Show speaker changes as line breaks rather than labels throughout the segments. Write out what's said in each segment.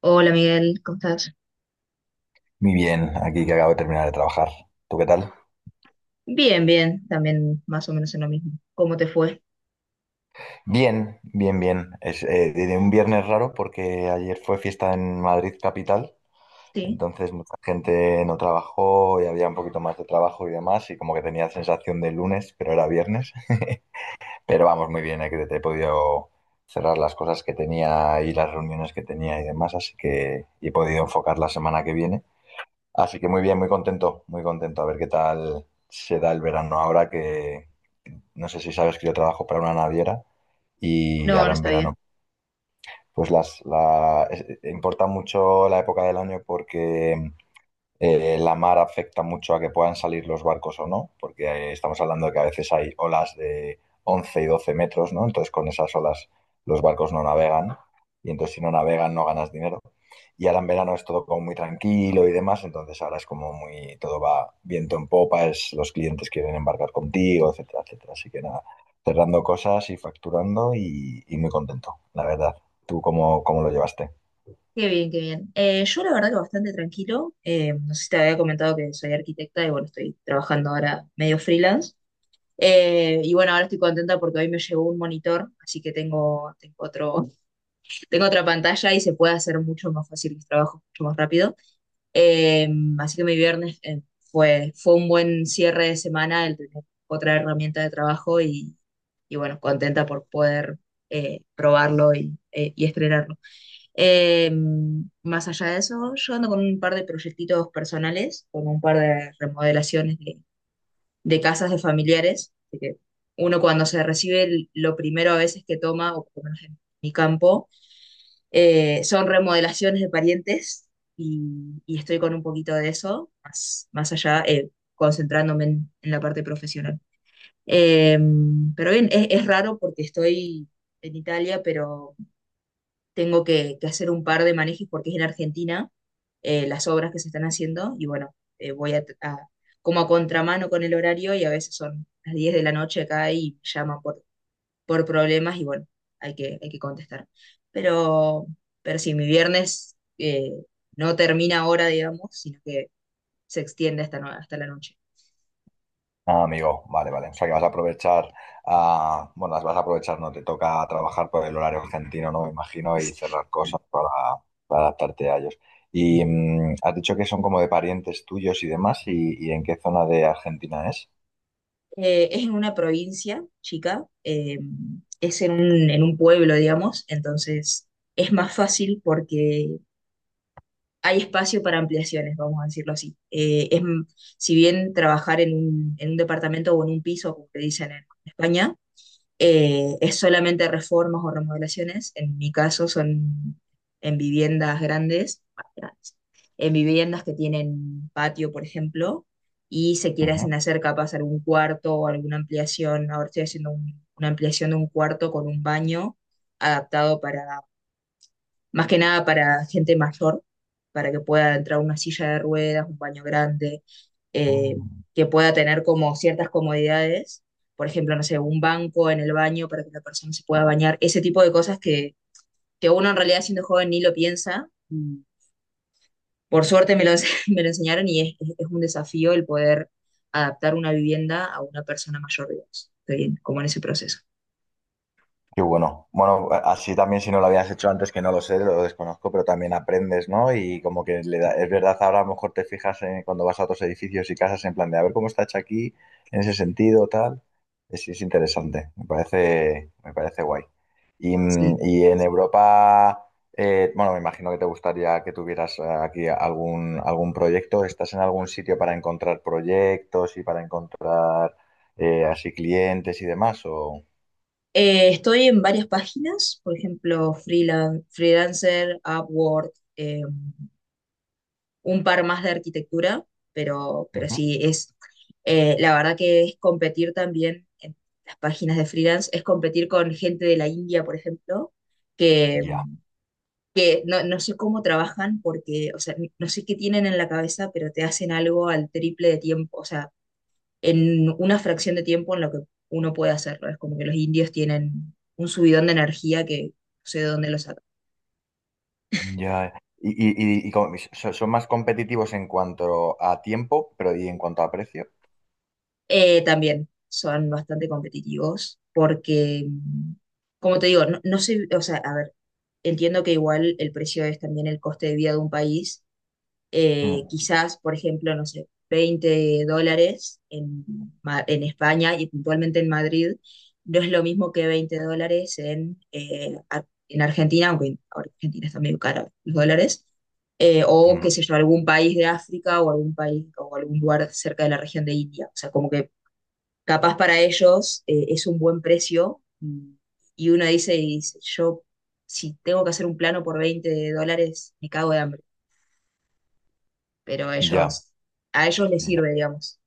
Hola Miguel, ¿cómo estás?
Muy bien, aquí que acabo de terminar de trabajar. ¿Tú qué tal?
Bien, bien, también más o menos en lo mismo. ¿Cómo te fue?
Bien, bien, bien. Es de un viernes raro porque ayer fue fiesta en Madrid capital,
Sí,
entonces mucha gente no trabajó y había un poquito más de trabajo y demás, y como que tenía sensación de lunes, pero era viernes. Pero vamos, muy bien, que te he podido cerrar las cosas que tenía y las reuniones que tenía y demás, así que y he podido enfocar la semana que viene. Así que muy bien, muy contento, muy contento. A ver qué tal se da el verano ahora que, no sé si sabes que yo trabajo para una naviera y
no,
ahora
no
en
sabía.
verano. Importa mucho la época del año porque la mar afecta mucho a que puedan salir los barcos o no, porque estamos hablando de que a veces hay olas de 11 y 12 metros, ¿no? Entonces con esas olas los barcos no navegan y entonces si no navegan no ganas dinero. Y ahora en verano es todo como muy tranquilo y demás, entonces ahora es como muy, todo va viento en popa, es, los clientes quieren embarcar contigo, etcétera, etcétera. Así que nada, cerrando cosas y facturando y muy contento, la verdad. ¿Tú cómo lo llevaste?
Qué bien, qué bien. Yo la verdad que bastante tranquilo. No sé si te había comentado que soy arquitecta y bueno, estoy trabajando ahora medio freelance. Y bueno, ahora estoy contenta porque hoy me llegó un monitor, así que tengo otro, tengo otra pantalla y se puede hacer mucho más fácil mis trabajos, mucho más rápido. Eh, Así que mi viernes fue un buen cierre de semana, el tener otra herramienta de trabajo y bueno, contenta por poder probarlo y estrenarlo. Eh, Más allá de eso, yo ando con un par de proyectitos personales, con un par de remodelaciones de casas de familiares. Así que uno cuando se recibe, lo primero a veces que toma, o por lo menos en mi campo, son remodelaciones de parientes y estoy con un poquito de eso, más, más allá, concentrándome en la parte profesional. Eh, pero bien, es raro porque estoy en Italia, pero tengo que hacer un par de manejos porque es en Argentina las obras que se están haciendo y bueno, voy a, como a contramano con el horario y a veces son las 10 de la noche acá y me llaman por problemas y bueno, hay que contestar. Pero, pero sí, mi viernes no termina ahora, digamos, sino que se extiende hasta, hasta la noche.
Ah, amigo, vale, vale. O sea que vas a aprovechar, ah, bueno, las vas a aprovechar, no te toca trabajar por el horario argentino, ¿no? Me imagino, y cerrar cosas para adaptarte a ellos. Y has dicho que son como de parientes tuyos y demás, ¿ y en qué zona de Argentina es?
Es en una provincia, chica, es en en un pueblo, digamos, entonces es más fácil porque hay espacio para ampliaciones, vamos a decirlo así. Es, si bien trabajar en en un departamento o en un piso, como te dicen en España, es solamente reformas o remodelaciones, en mi caso son en viviendas grandes, ah, grandes, en viviendas que tienen patio, por ejemplo, y se
Ujú.
quieren hacer capaz algún cuarto o alguna ampliación, ahora estoy haciendo una ampliación de un cuarto con un baño adaptado para más que nada para gente mayor, para que pueda entrar una silla de ruedas, un baño grande, eh,
Ah.
que pueda tener como ciertas comodidades, por ejemplo, no sé, un banco en el baño para que la persona se pueda bañar, ese tipo de cosas que uno en realidad siendo joven ni lo piensa. Mm. Por suerte me lo, me lo enseñaron y es, es un desafío el poder adaptar una vivienda a una persona mayor, digamos. Estoy como en ese proceso.
Qué bueno. Bueno, así también si no lo habías hecho antes, que no lo sé, lo desconozco, pero también aprendes, ¿no? Y como que es verdad, ahora a lo mejor te fijas cuando vas a otros edificios y casas en plan de a ver cómo está hecho aquí, en ese sentido, tal. Es interesante, me parece guay. Y, y en Europa, bueno, me imagino que te gustaría que tuvieras aquí algún, algún proyecto. ¿Estás en algún sitio para encontrar proyectos y para encontrar así clientes y demás? O...
Estoy en varias páginas, por ejemplo, Freelancer, Upwork, eh, un par más de arquitectura, pero
Ujú.
sí, es, la verdad que es competir también en las páginas de freelance, es competir con gente de la India, por ejemplo, que,
Ya.
que no, no sé cómo trabajan porque, o sea, no sé qué tienen en la cabeza, pero te hacen algo al triple de tiempo, o sea, en una fracción de tiempo en lo que uno puede hacerlo. Es como que los indios tienen un subidón de energía que no sé de dónde lo sacan.
Ya, son más competitivos en cuanto a tiempo, pero y en cuanto a precio.
También son bastante competitivos porque, mm, como te digo, no, no sé, o sea, a ver, entiendo que igual el precio es también el coste de vida de un país
Mm,
quizás, por ejemplo, no sé, 20 dólares en, en España y puntualmente en Madrid, no es lo mismo que 20 dólares en, en Argentina, aunque ahora Argentina está medio cara los dólares, o
mm,
qué sé yo, algún país de África o algún país o algún lugar cerca de la región de India. O sea, como que capaz para ellos es un buen precio, mm, y uno dice, y dice, yo si tengo que hacer un plano por 20 dólares, me cago de hambre, pero
ya,
ellos, a ellos les
ya.
sirve, digamos.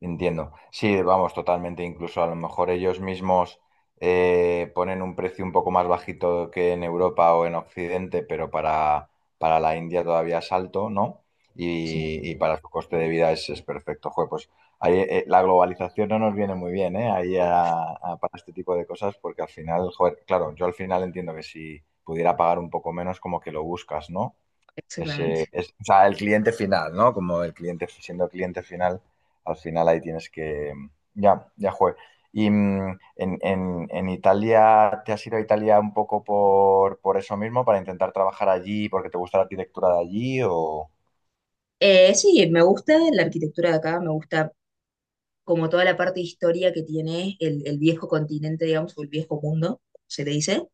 Entiendo. Sí, vamos, totalmente. Incluso a lo mejor ellos mismos ponen un precio un poco más bajito que en Europa o en Occidente, pero para la India todavía es alto, ¿no?
Sí,
Y para su coste de vida es perfecto. Joder, pues ahí, la globalización no nos viene muy bien, ¿eh? Para este tipo de cosas, porque al final, joder, claro, yo al final entiendo que si pudiera pagar un poco menos, como que lo buscas, ¿no?
exactamente.
O sea, el cliente final, ¿no? Como el cliente, siendo cliente final, al final ahí tienes que... Ya, ya jue. Y en Italia, ¿te has ido a Italia un poco por eso mismo, para intentar trabajar allí, porque te gusta la arquitectura de allí o...?
Sí, me gusta la arquitectura de acá, me gusta como toda la parte de historia que tiene el viejo continente, digamos, o el viejo mundo, se le dice.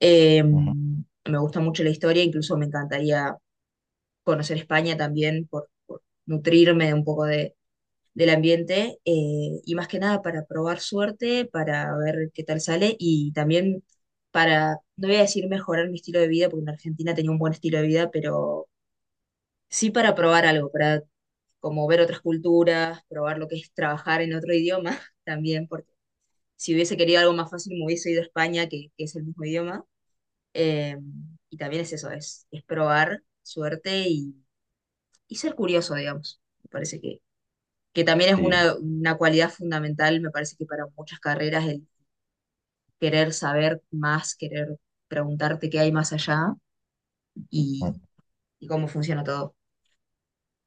Eh,
Ujú.
me gusta mucho la historia, incluso me encantaría conocer España también por nutrirme un poco de, del ambiente, y más que nada para probar suerte, para ver qué tal sale y también para, no voy a decir mejorar mi estilo de vida, porque en Argentina tenía un buen estilo de vida, pero sí para probar algo, para como ver otras culturas, probar lo que es trabajar en otro idioma también, porque si hubiese querido algo más fácil me hubiese ido a España, que es el mismo idioma. Eh, y también es eso, es probar suerte y ser curioso, digamos. Me parece que también es
Sí.
una cualidad fundamental, me parece que para muchas carreras, el querer saber más, querer preguntarte qué hay más allá
Mm.
y, y cómo funciona todo.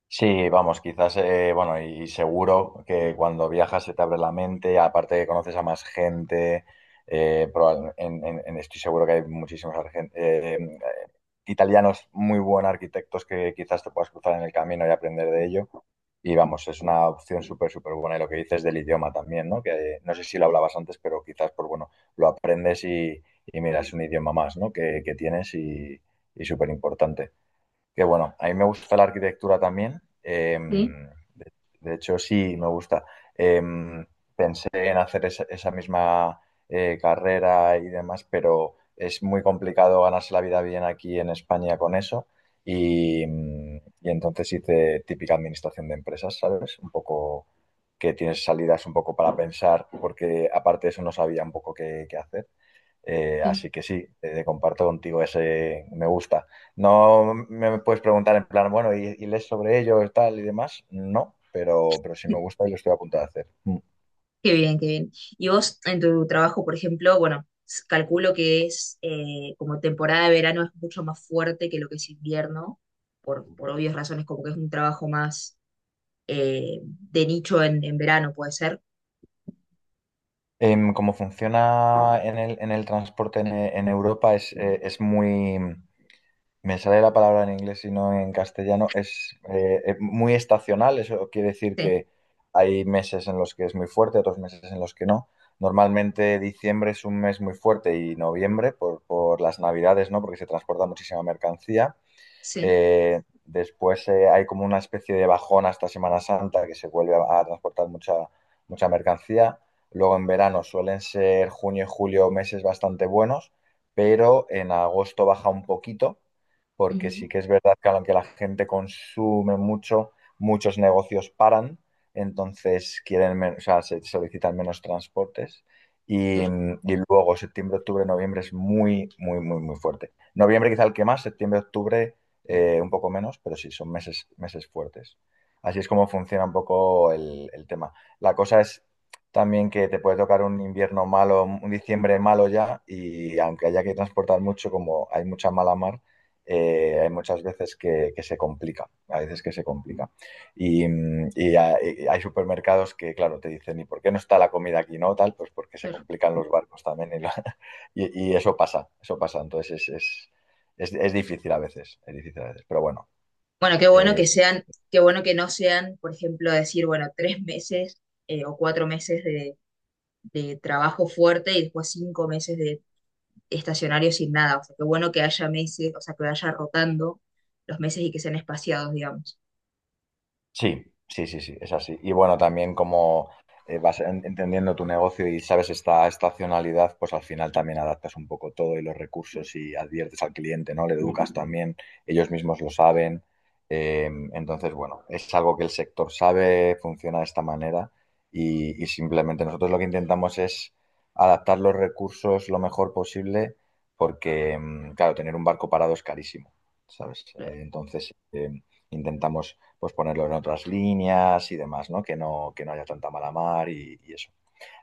Sí, vamos, quizás, bueno, y, seguro que cuando viajas se te abre la mente, aparte que conoces a más gente, estoy seguro que hay muchísimos italianos muy buenos arquitectos que quizás te puedas cruzar en el camino y aprender de ello. Y vamos, es una opción súper, súper buena. Y lo que dices del idioma también, ¿no? Que no sé si lo hablabas antes, pero quizás, pues bueno, lo aprendes y mira, es un idioma más, ¿no? Que tienes y súper importante que bueno, a mí me gusta la arquitectura también.
Sí,
De, de hecho, sí, me gusta. Eh, Pensé en hacer esa, esa misma carrera y demás, pero es muy complicado ganarse la vida bien aquí en España con eso. Y, y entonces hice típica administración de empresas, ¿sabes? Un poco que tienes salidas un poco para pensar, porque aparte de eso no sabía un poco qué hacer.
sí.
Así que sí, comparto contigo ese me gusta. No me puedes preguntar en plan, bueno, ¿ y lees sobre ello y tal y demás? No, pero sí me gusta y lo estoy a punto de hacer. Mm.
Qué bien, qué bien. Y vos en tu trabajo, por ejemplo, bueno, calculo que es como temporada de verano es mucho más fuerte que lo que es invierno, por obvias razones, como que es un trabajo más de nicho en verano, puede ser.
Cómo funciona en en el transporte en Europa es muy... Me sale la palabra en inglés y no en castellano. Es muy estacional, eso quiere decir
Sí,
que hay meses en los que es muy fuerte, otros meses en los que no. Normalmente diciembre es un mes muy fuerte y noviembre por las navidades, ¿no? Porque se transporta muchísima mercancía.
sí.
Después hay como una especie de bajón hasta Semana Santa que se vuelve a transportar mucha, mucha mercancía. Luego en verano suelen ser junio y julio meses bastante buenos, pero en agosto baja un poquito, porque sí
Ujú,
que es verdad que aunque la gente consume mucho, muchos negocios paran, entonces o sea, se solicitan menos transportes. Y luego septiembre, octubre, noviembre es muy, muy, muy, muy fuerte. Noviembre quizá el que más, septiembre, octubre un poco menos, pero sí, son meses, meses fuertes. Así es como funciona un poco el tema. La cosa es también que te puede tocar un invierno malo, un diciembre malo ya, y aunque haya que transportar mucho, como hay mucha mala mar, hay muchas veces que se complica, a veces que se complica. Y, y hay supermercados que, claro, te dicen, ¿y por qué no está la comida aquí? No, tal, pues porque se
per-
complican los barcos también y eso pasa, eso pasa. Entonces es difícil a veces, es difícil a veces, pero bueno,
bueno, qué bueno
eh,
que sean, qué bueno que no sean, por ejemplo, decir, bueno, 3 meses o 4 meses de trabajo fuerte y después 5 meses de estacionario sin nada. O sea, qué bueno que haya meses, o sea, que vaya rotando los meses y que sean espaciados, digamos.
sí, sí, sí, sí, es así. Y bueno, también como entendiendo tu negocio y sabes esta estacionalidad, pues al final también adaptas un poco todo y los recursos y adviertes al cliente, ¿no? Le educas también, ellos mismos lo saben. Entonces, bueno, es algo que el sector sabe, funciona de esta manera y simplemente nosotros lo que intentamos es adaptar los recursos lo mejor posible porque, claro, tener un barco parado es carísimo, ¿sabes?
Claro.
Intentamos pues ponerlo en otras líneas y demás, ¿no? Que no, que no haya tanta mala mar y eso.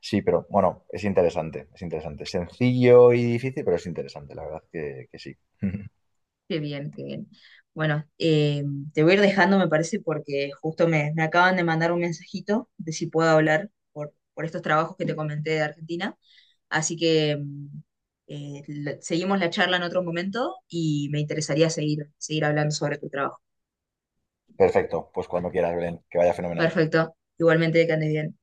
Sí, pero bueno, es interesante, es interesante. Sencillo y difícil, pero es interesante, la verdad que sí.
Qué bien, qué bien. Bueno, te voy a ir dejando, me parece, porque justo me, me acaban de mandar un mensajito de si puedo hablar por estos trabajos que te comenté de Argentina. Así que mm, seguimos la charla en otro momento y me interesaría seguir, seguir hablando sobre tu trabajo.
Perfecto, pues cuando quieras, Belén, que vaya fenomenal.
Perfecto. Igualmente, que andes bien.